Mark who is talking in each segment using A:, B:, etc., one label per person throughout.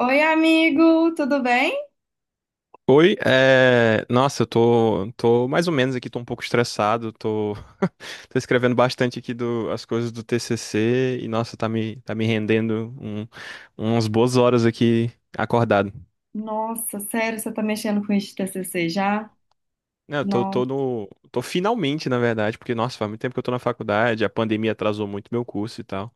A: Oi, amigo, tudo bem?
B: Oi, é, nossa, eu tô mais ou menos aqui, tô um pouco estressado, tô, tô escrevendo bastante aqui do, as coisas do TCC e, nossa, tá me rendendo umas boas horas aqui acordado.
A: Nossa, sério, você tá mexendo com isso de TCC já?
B: Não, eu tô, tô
A: Não,
B: no, tô finalmente, na verdade, porque, nossa, faz muito tempo que eu tô na faculdade, a pandemia atrasou muito meu curso e tal,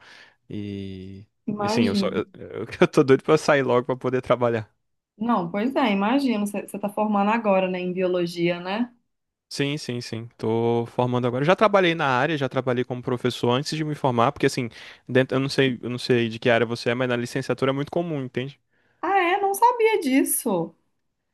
B: e, e assim,
A: imagino.
B: eu tô doido pra sair logo pra poder trabalhar.
A: Não, pois é, imagino. Você tá formando agora, né, em biologia, né?
B: Sim, sim, sim. Tô formando agora. Já trabalhei na área, já trabalhei como professor antes de me formar, porque assim, dentro, eu não sei de que área você é, mas na licenciatura é muito comum, entende?
A: Ah, é? Não sabia disso.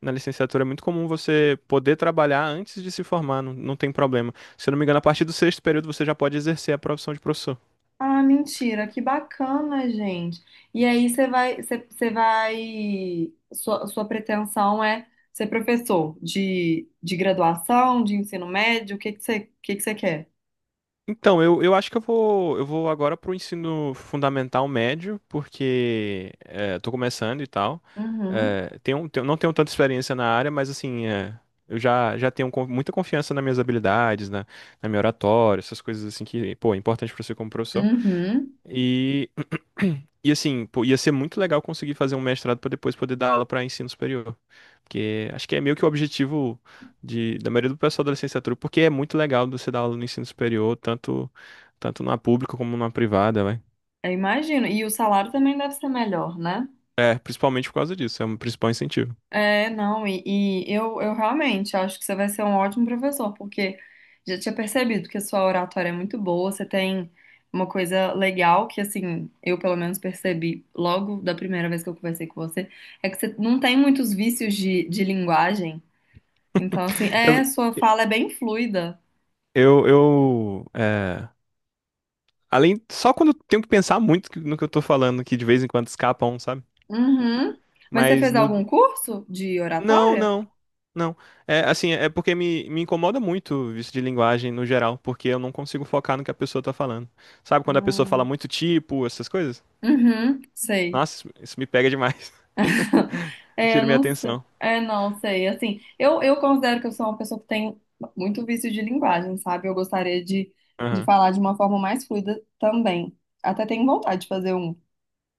B: Na licenciatura é muito comum você poder trabalhar antes de se formar, não tem problema. Se eu não me engano, a partir do sexto período você já pode exercer a profissão de professor.
A: Ah, mentira, que bacana, gente. E aí, você vai, você, você vai, sua, sua pretensão é ser professor de graduação, de ensino médio? O que você quer?
B: Então, eu acho que eu vou agora pro ensino fundamental médio, porque tô começando e tal.
A: Uhum,
B: Não tenho tanta experiência na área, mas assim, eu já tenho muita confiança nas minhas habilidades, na minha oratória, essas coisas assim que, pô, é importante pra você como professor.
A: uhum.
B: E, e assim, pô, ia ser muito legal conseguir fazer um mestrado para depois poder dar aula para ensino superior. Porque acho que é meio que o objetivo da maioria do pessoal da licenciatura, porque é muito legal você dar aula no ensino superior, tanto na pública como na privada, vai.
A: Eu imagino. E o salário também deve ser melhor, né?
B: É, principalmente por causa disso, é um principal incentivo.
A: Não, eu realmente acho que você vai ser um ótimo professor, porque já tinha percebido que a sua oratória é muito boa. Você tem uma coisa legal que, assim, eu pelo menos percebi logo da primeira vez que eu conversei com você, é que você não tem muitos vícios de linguagem. Então, assim,
B: Eu,
A: é, sua fala é bem fluida.
B: eu, eu é, Só quando eu tenho que pensar muito no que eu tô falando, que de vez em quando escapa um, sabe?
A: Uhum. Mas você
B: Mas
A: fez
B: no,
A: algum curso de
B: Não,
A: oratória?
B: não. Não. É assim, é porque me incomoda muito o vício de linguagem no geral, porque eu não consigo focar no que a pessoa tá falando. Sabe quando a pessoa fala
A: Hum.
B: muito tipo, essas coisas?
A: Uhum, sei.
B: Nossa, isso me pega demais.
A: É,
B: Tira minha
A: não sei.
B: atenção.
A: É, não sei. Assim, eu considero que eu sou uma pessoa que tem muito vício de linguagem, sabe? De
B: Aham.
A: falar de uma forma mais fluida também. Até tenho vontade de fazer um,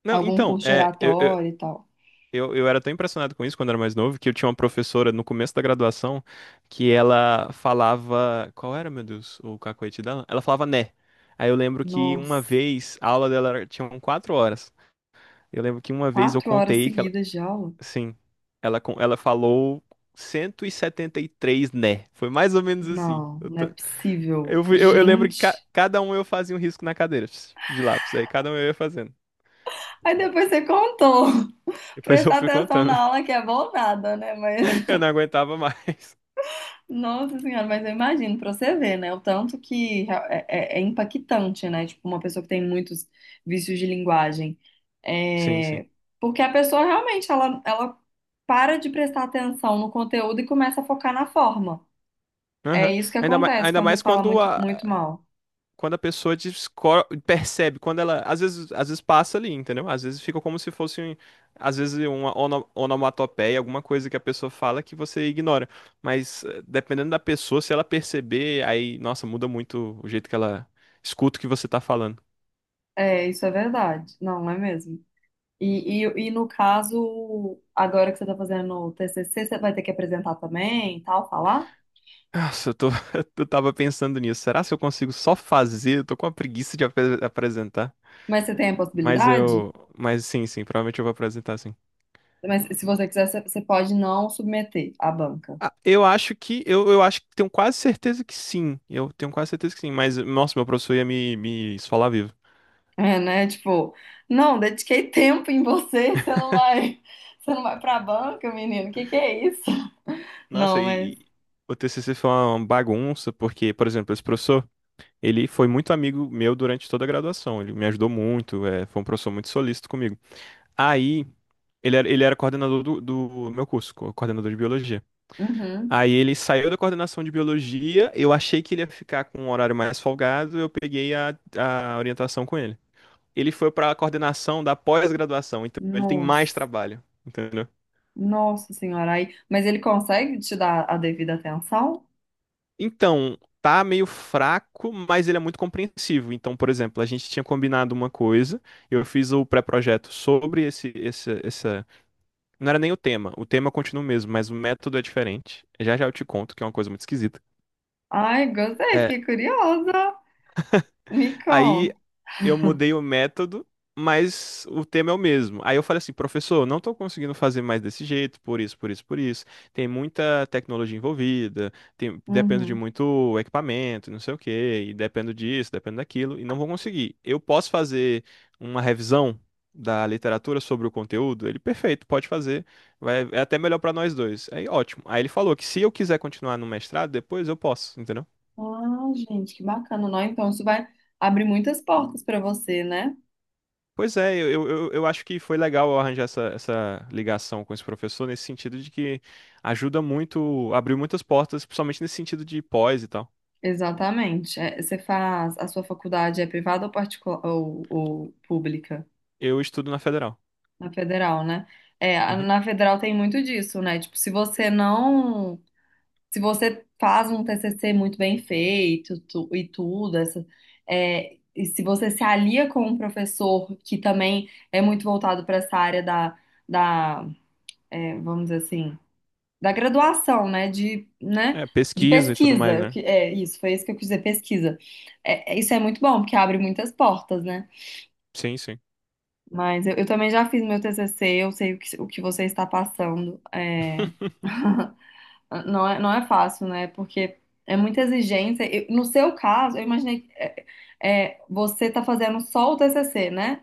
B: Não,
A: Algum
B: então,
A: curso de
B: é, eu, eu,
A: oratória e tal.
B: eu, eu era tão impressionado com isso quando era mais novo que eu tinha uma professora no começo da graduação que ela falava. Qual era, meu Deus, o cacoete dela? Ela falava né. Aí eu lembro que uma
A: Nossa,
B: vez a aula dela tinha 4 horas. Eu lembro que uma vez eu
A: quatro horas
B: contei que ela.
A: seguidas de aula?
B: Sim. Ela, ela falou cento e setenta e três né? Foi mais ou menos assim.
A: Não,
B: Eu,
A: não é
B: tô-
A: possível.
B: eu, fui- eu lembro que ca-
A: Gente.
B: cada um eu fazia um risco na cadeira pss, de lápis. Aí cada um eu ia fazendo.
A: Aí depois você contou.
B: Depois eu
A: Prestar
B: fui
A: atenção
B: contando.
A: na aula que é voltada, né? Mas
B: Eu não aguentava mais.
A: nossa senhora, mas eu imagino, pra você ver, né? O tanto que rea- é, é- É impactante, né? Tipo, uma pessoa que tem muitos vícios de linguagem.
B: Sim, sim.
A: É. Porque a pessoa realmente, ela para de prestar atenção no conteúdo e começa a focar na forma. É
B: Aham.
A: isso que
B: Ainda, ma-
A: acontece
B: ainda
A: quando você
B: mais
A: fala
B: quando
A: muito,
B: a,
A: muito mal.
B: quando a pessoa percebe, quando ela, às vezes passa ali, entendeu? Às vezes fica como se fosse, às vezes, uma onomatopeia, alguma coisa que a pessoa fala que você ignora. Mas dependendo da pessoa, se ela perceber, aí, nossa, muda muito o jeito que ela escuta o que você tá falando.
A: É, isso é verdade. Não, não é mesmo? E no caso, agora que você tá fazendo o TCC, você vai ter que apresentar também e tal, falar?
B: Nossa, eu tava pensando nisso. Será se eu consigo só fazer? Eu tô com uma preguiça de apresentar.
A: Mas você tem a
B: Mas
A: possibilidade?
B: eu, mas sim, sim, provavelmente eu vou apresentar sim.
A: Mas se você quiser, você pode não submeter à banca.
B: Ah, eu acho que eu acho que tenho quase certeza que sim. Eu tenho quase certeza que sim. Mas, nossa, meu professor ia me esfolar vivo.
A: É, né? Tipo, não, dediquei tempo em você, você não vai pra banca, menino. Que é isso?
B: Nossa,
A: Não,
B: e,
A: mas
B: e o TCC foi uma bagunça, porque, por exemplo, esse professor, ele foi muito amigo meu durante toda a graduação. Ele me ajudou muito, foi um professor muito solícito comigo. Aí, ele era coordenador do meu curso, coordenador de biologia.
A: uhum.
B: Aí ele saiu da coordenação de biologia, eu achei que ele ia ficar com um horário mais folgado, eu peguei a orientação com ele. Ele foi para a coordenação da pós-graduação, então ele tem mais
A: Nossa.
B: trabalho, entendeu?
A: Nossa senhora, aí, mas ele consegue te dar a devida atenção?
B: Então, tá meio fraco, mas ele é muito compreensivo. Então, por exemplo, a gente tinha combinado uma coisa, eu fiz o pré-projeto sobre essa. Não era nem o tema, o tema continua o mesmo, mas o método é diferente. Já já eu te conto que é uma coisa muito esquisita.
A: Ai, gostei,
B: É,
A: fiquei curiosa. Me
B: Aí
A: conta.
B: eu mudei o método, mas o tema é o mesmo. Aí eu falei assim, professor, eu não estou conseguindo fazer mais desse jeito, por isso, por isso, por isso. Tem muita tecnologia envolvida, dependo de
A: Uhum.
B: muito equipamento, não sei o quê, e dependo disso, dependo daquilo, e não vou conseguir. Eu posso fazer uma revisão da literatura sobre o conteúdo? Ele, perfeito, pode fazer. Vai, é até melhor para nós dois. Aí, ótimo. Aí ele falou que se eu quiser continuar no mestrado, depois eu posso, entendeu?
A: Ah, gente, que bacana, não? Então isso vai abrir muitas portas pra você, né?
B: Pois é, eu acho que foi legal eu arranjar essa ligação com esse professor, nesse sentido de que ajuda muito, abriu muitas portas, principalmente nesse sentido de pós e tal.
A: Exatamente. É, você faz, a sua faculdade é privada ou particular, ou pública?
B: Eu estudo na Federal.
A: Na federal, né?
B: Uhum.
A: Na federal tem muito disso, né? Tipo, se você faz um TCC muito bem feito e tudo, e se você se alia com um professor que também é muito voltado para essa área da, vamos dizer assim, da graduação, né? De, né?
B: É,
A: De
B: pesquisa e tudo mais,
A: pesquisa,
B: né?
A: que é isso, foi isso que eu quis dizer, pesquisa. Isso é muito bom, porque abre muitas portas, né?
B: Sim, sim.
A: Mas eu também já fiz meu TCC. Eu sei o que você está passando. É, não é fácil, né? Porque é muita exigência. No seu caso, eu imaginei que você está fazendo só o TCC, né?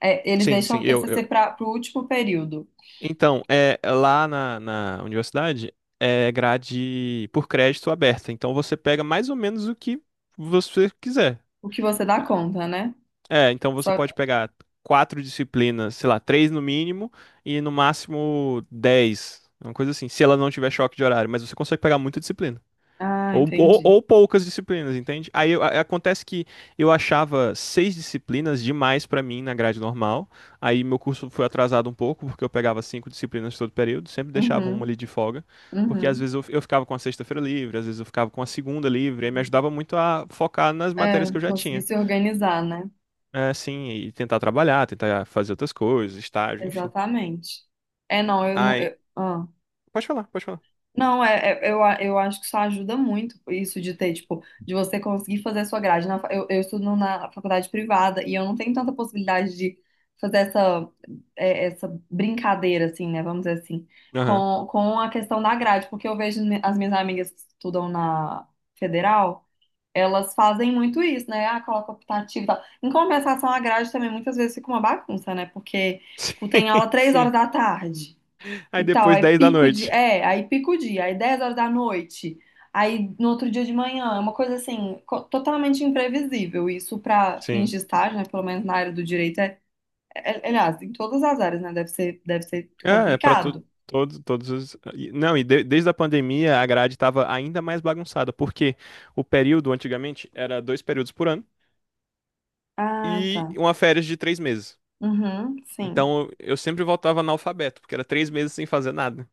A: É, eles
B: Sim,
A: deixam
B: sim,
A: o TCC para o último período,
B: Então, lá na universidade é grade por crédito aberta, então você pega mais ou menos o que você quiser.
A: o que você dá conta, né?
B: É, então você
A: Só...
B: pode pegar quatro disciplinas, sei lá, três no mínimo e no máximo dez, uma coisa assim, se ela não tiver choque de horário, mas você consegue pegar muita disciplina.
A: Ah,
B: Ou, ou,
A: entendi.
B: ou poucas disciplinas, entende? Acontece que eu achava seis disciplinas demais pra mim na grade normal. Aí meu curso foi atrasado um pouco, porque eu pegava cinco disciplinas todo período, sempre deixava uma
A: Uhum,
B: ali de folga, porque às
A: uhum.
B: vezes eu ficava com a sexta-feira livre, às vezes eu ficava com a segunda livre, aí me ajudava muito a focar nas matérias
A: É,
B: que eu já
A: conseguir
B: tinha.
A: se organizar, né?
B: É, sim, e tentar trabalhar, tentar fazer outras coisas, estágio, enfim.
A: Exatamente. É, não, eu não.
B: Aí, pode falar, pode falar.
A: Não, é, eu acho que isso ajuda muito, isso de ter, tipo, de você conseguir fazer a sua grade. Eu estudo na faculdade privada e eu não tenho tanta possibilidade de fazer essa, essa brincadeira, assim, né? Vamos dizer assim,
B: Aham.
A: com a questão da grade, porque eu vejo as minhas amigas que estudam na federal. Elas fazem muito isso, né? Ah, coloca optativo e tal. Em compensação, a grade também muitas vezes fica uma bagunça, né? Porque, tipo, tem aula
B: Sim,
A: três horas
B: sim.
A: da tarde e
B: Aí
A: tal,
B: depois 10 da noite.
A: aí pico o dia, aí 10 horas da noite, aí no outro dia de manhã, é uma coisa assim, totalmente imprevisível. Isso para fins
B: Sim.
A: de estágio, né? Pelo menos na área do direito, aliás, em todas as áreas, né? Deve ser
B: É pra tu.
A: complicado.
B: Todo, todos os. Não, desde a pandemia a grade estava ainda mais bagunçada, porque o período antigamente era dois períodos por ano
A: Ah, tá.
B: e uma férias de 3 meses.
A: Uhum, sim.
B: Então eu sempre voltava analfabeto, porque era 3 meses sem fazer nada.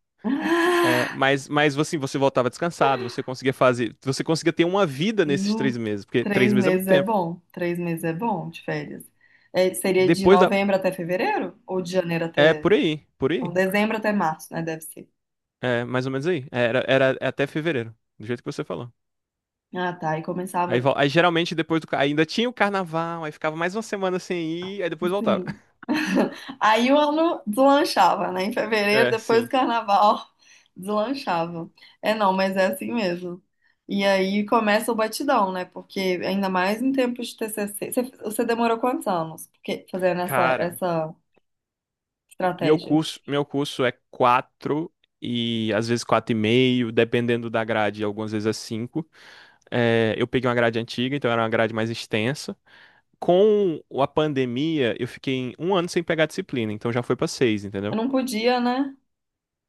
B: É, mas assim, você voltava descansado, você conseguia fazer, você conseguia ter uma vida nesses três
A: No,
B: meses, porque três
A: três
B: meses é muito
A: meses é
B: tempo.
A: bom. Três meses é bom de férias. É, seria de
B: Depois da,
A: novembro até fevereiro? Ou de janeiro
B: É
A: até.
B: por
A: Não,
B: aí,
A: dezembro até março, né? Deve ser.
B: é mais ou menos aí. Era até fevereiro, do jeito que você falou.
A: Ah, tá. E
B: Aí,
A: começava.
B: aí geralmente depois ainda tinha o carnaval, aí ficava mais uma semana sem ir, aí depois voltava.
A: Sim. Aí o ano deslanchava, né? Em fevereiro,
B: É,
A: depois do
B: sim.
A: carnaval, deslanchava. É, não, mas é assim mesmo. E aí começa o batidão, né? Porque ainda mais em tempo de TCC. Você demorou quantos anos? Porque fazendo
B: Cara,
A: essa
B: meu
A: estratégia?
B: curso, meu curso é quatro e às vezes quatro e meio, dependendo da grade, algumas vezes é cinco. É, eu peguei uma grade antiga, então era uma grade mais extensa. Com a pandemia, eu fiquei em um ano sem pegar disciplina, então já foi pra seis,
A: Eu
B: entendeu?
A: não podia, né?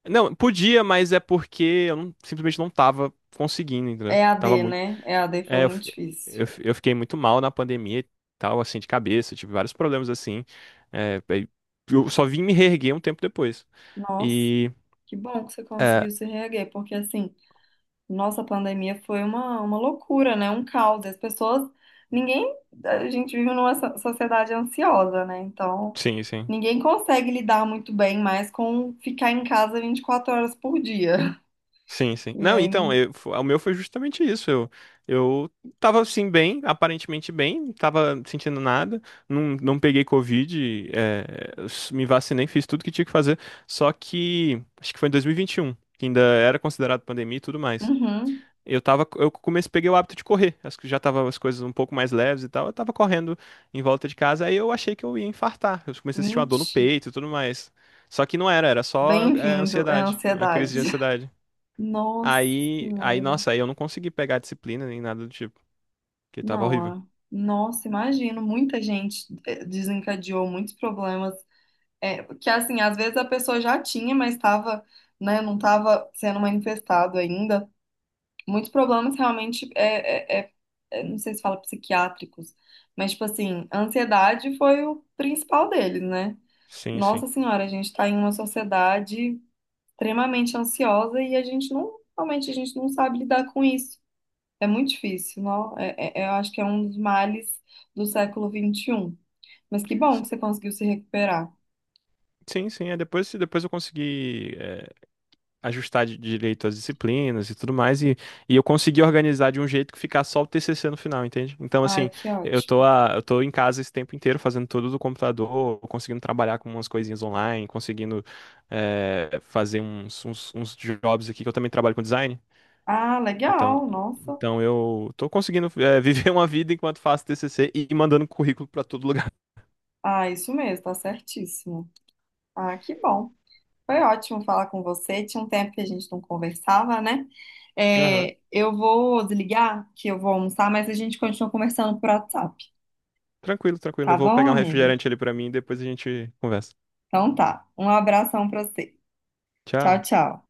B: Não, podia, mas é porque eu não- simplesmente não tava conseguindo, entendeu?
A: É a
B: Tava
A: D,
B: muito.
A: né? É a D foi
B: É, eu,
A: muito
B: fi-
A: difícil.
B: eu fiquei muito mal na pandemia e tal, assim, de cabeça, tive vários problemas assim. Aí eu só vim me reerguer um tempo depois.
A: Nossa,
B: E.
A: que bom que você
B: É,
A: conseguiu se reerguer, porque assim, nossa, a pandemia foi uma loucura, né? Um caos. As pessoas, ninguém, a gente vive numa sociedade ansiosa, né? Então,
B: sim, sim.
A: ninguém consegue lidar muito bem mais com ficar em casa 24 horas por dia.
B: Sim, sim.
A: E
B: Não, então,
A: aí,
B: o meu foi justamente isso. Eu tava assim bem, aparentemente bem, não tava sentindo nada, não peguei Covid, me vacinei, fiz tudo que tinha que fazer. Só que acho que foi em 2021, que ainda era considerado pandemia e tudo mais.
A: uhum,
B: Eu comecei, peguei o hábito de correr. Acho que já tava as coisas um pouco mais leves e tal. Eu tava correndo em volta de casa, aí eu achei que eu ia infartar. Eu comecei a sentir uma dor no
A: mentira.
B: peito e tudo mais. Só que não era, era só,
A: Bem-vindo, é
B: ansiedade, uma crise
A: ansiedade.
B: de ansiedade.
A: Nossa
B: Aí,
A: Senhora.
B: nossa, aí eu não consegui pegar a disciplina nem nada do tipo, que tava
A: Não,
B: horrível.
A: ah. Nossa, imagino, muita gente eh, desencadeou muitos problemas, é, que assim, às vezes a pessoa já tinha, mas estava, né, não estava sendo manifestado ainda. Muitos problemas realmente, é, não sei se fala psiquiátricos, mas tipo assim, a ansiedade foi o principal deles, né?
B: Sim, sim.
A: Nossa Senhora, a gente está em uma sociedade extremamente ansiosa e a gente não, realmente a gente não sabe lidar com isso. É muito difícil, não? É, eu acho que é um dos males do século XXI. Mas que bom
B: S-
A: que você conseguiu se recuperar.
B: Sim, sim, depois eu consegui ajustar direito as disciplinas e tudo mais, e eu consegui organizar de um jeito que ficar só o TCC no final, entende? Então,
A: Ai,
B: assim,
A: que
B: eu tô,
A: ótimo.
B: a- eu tô em casa esse tempo inteiro fazendo tudo do computador, conseguindo trabalhar com umas coisinhas online, conseguindo fazer uns jobs aqui, que eu também trabalho com design.
A: Ah,
B: Então,
A: legal, nossa.
B: então eu tô conseguindo viver uma vida enquanto faço TCC e mandando currículo pra todo lugar.
A: Ah, isso mesmo, tá certíssimo. Ah, que bom. Foi ótimo falar com você. Tinha um tempo que a gente não conversava, né?
B: Aham.
A: É, eu vou desligar, que eu vou almoçar, mas a gente continua conversando por WhatsApp.
B: Tranquilo, tranquilo. Eu
A: Tá
B: vou
A: bom,
B: pegar um
A: amigo?
B: refrigerante ali pra mim e depois a gente conversa.
A: Então tá. Um abração pra você. Tchau,
B: Tchau.
A: tchau.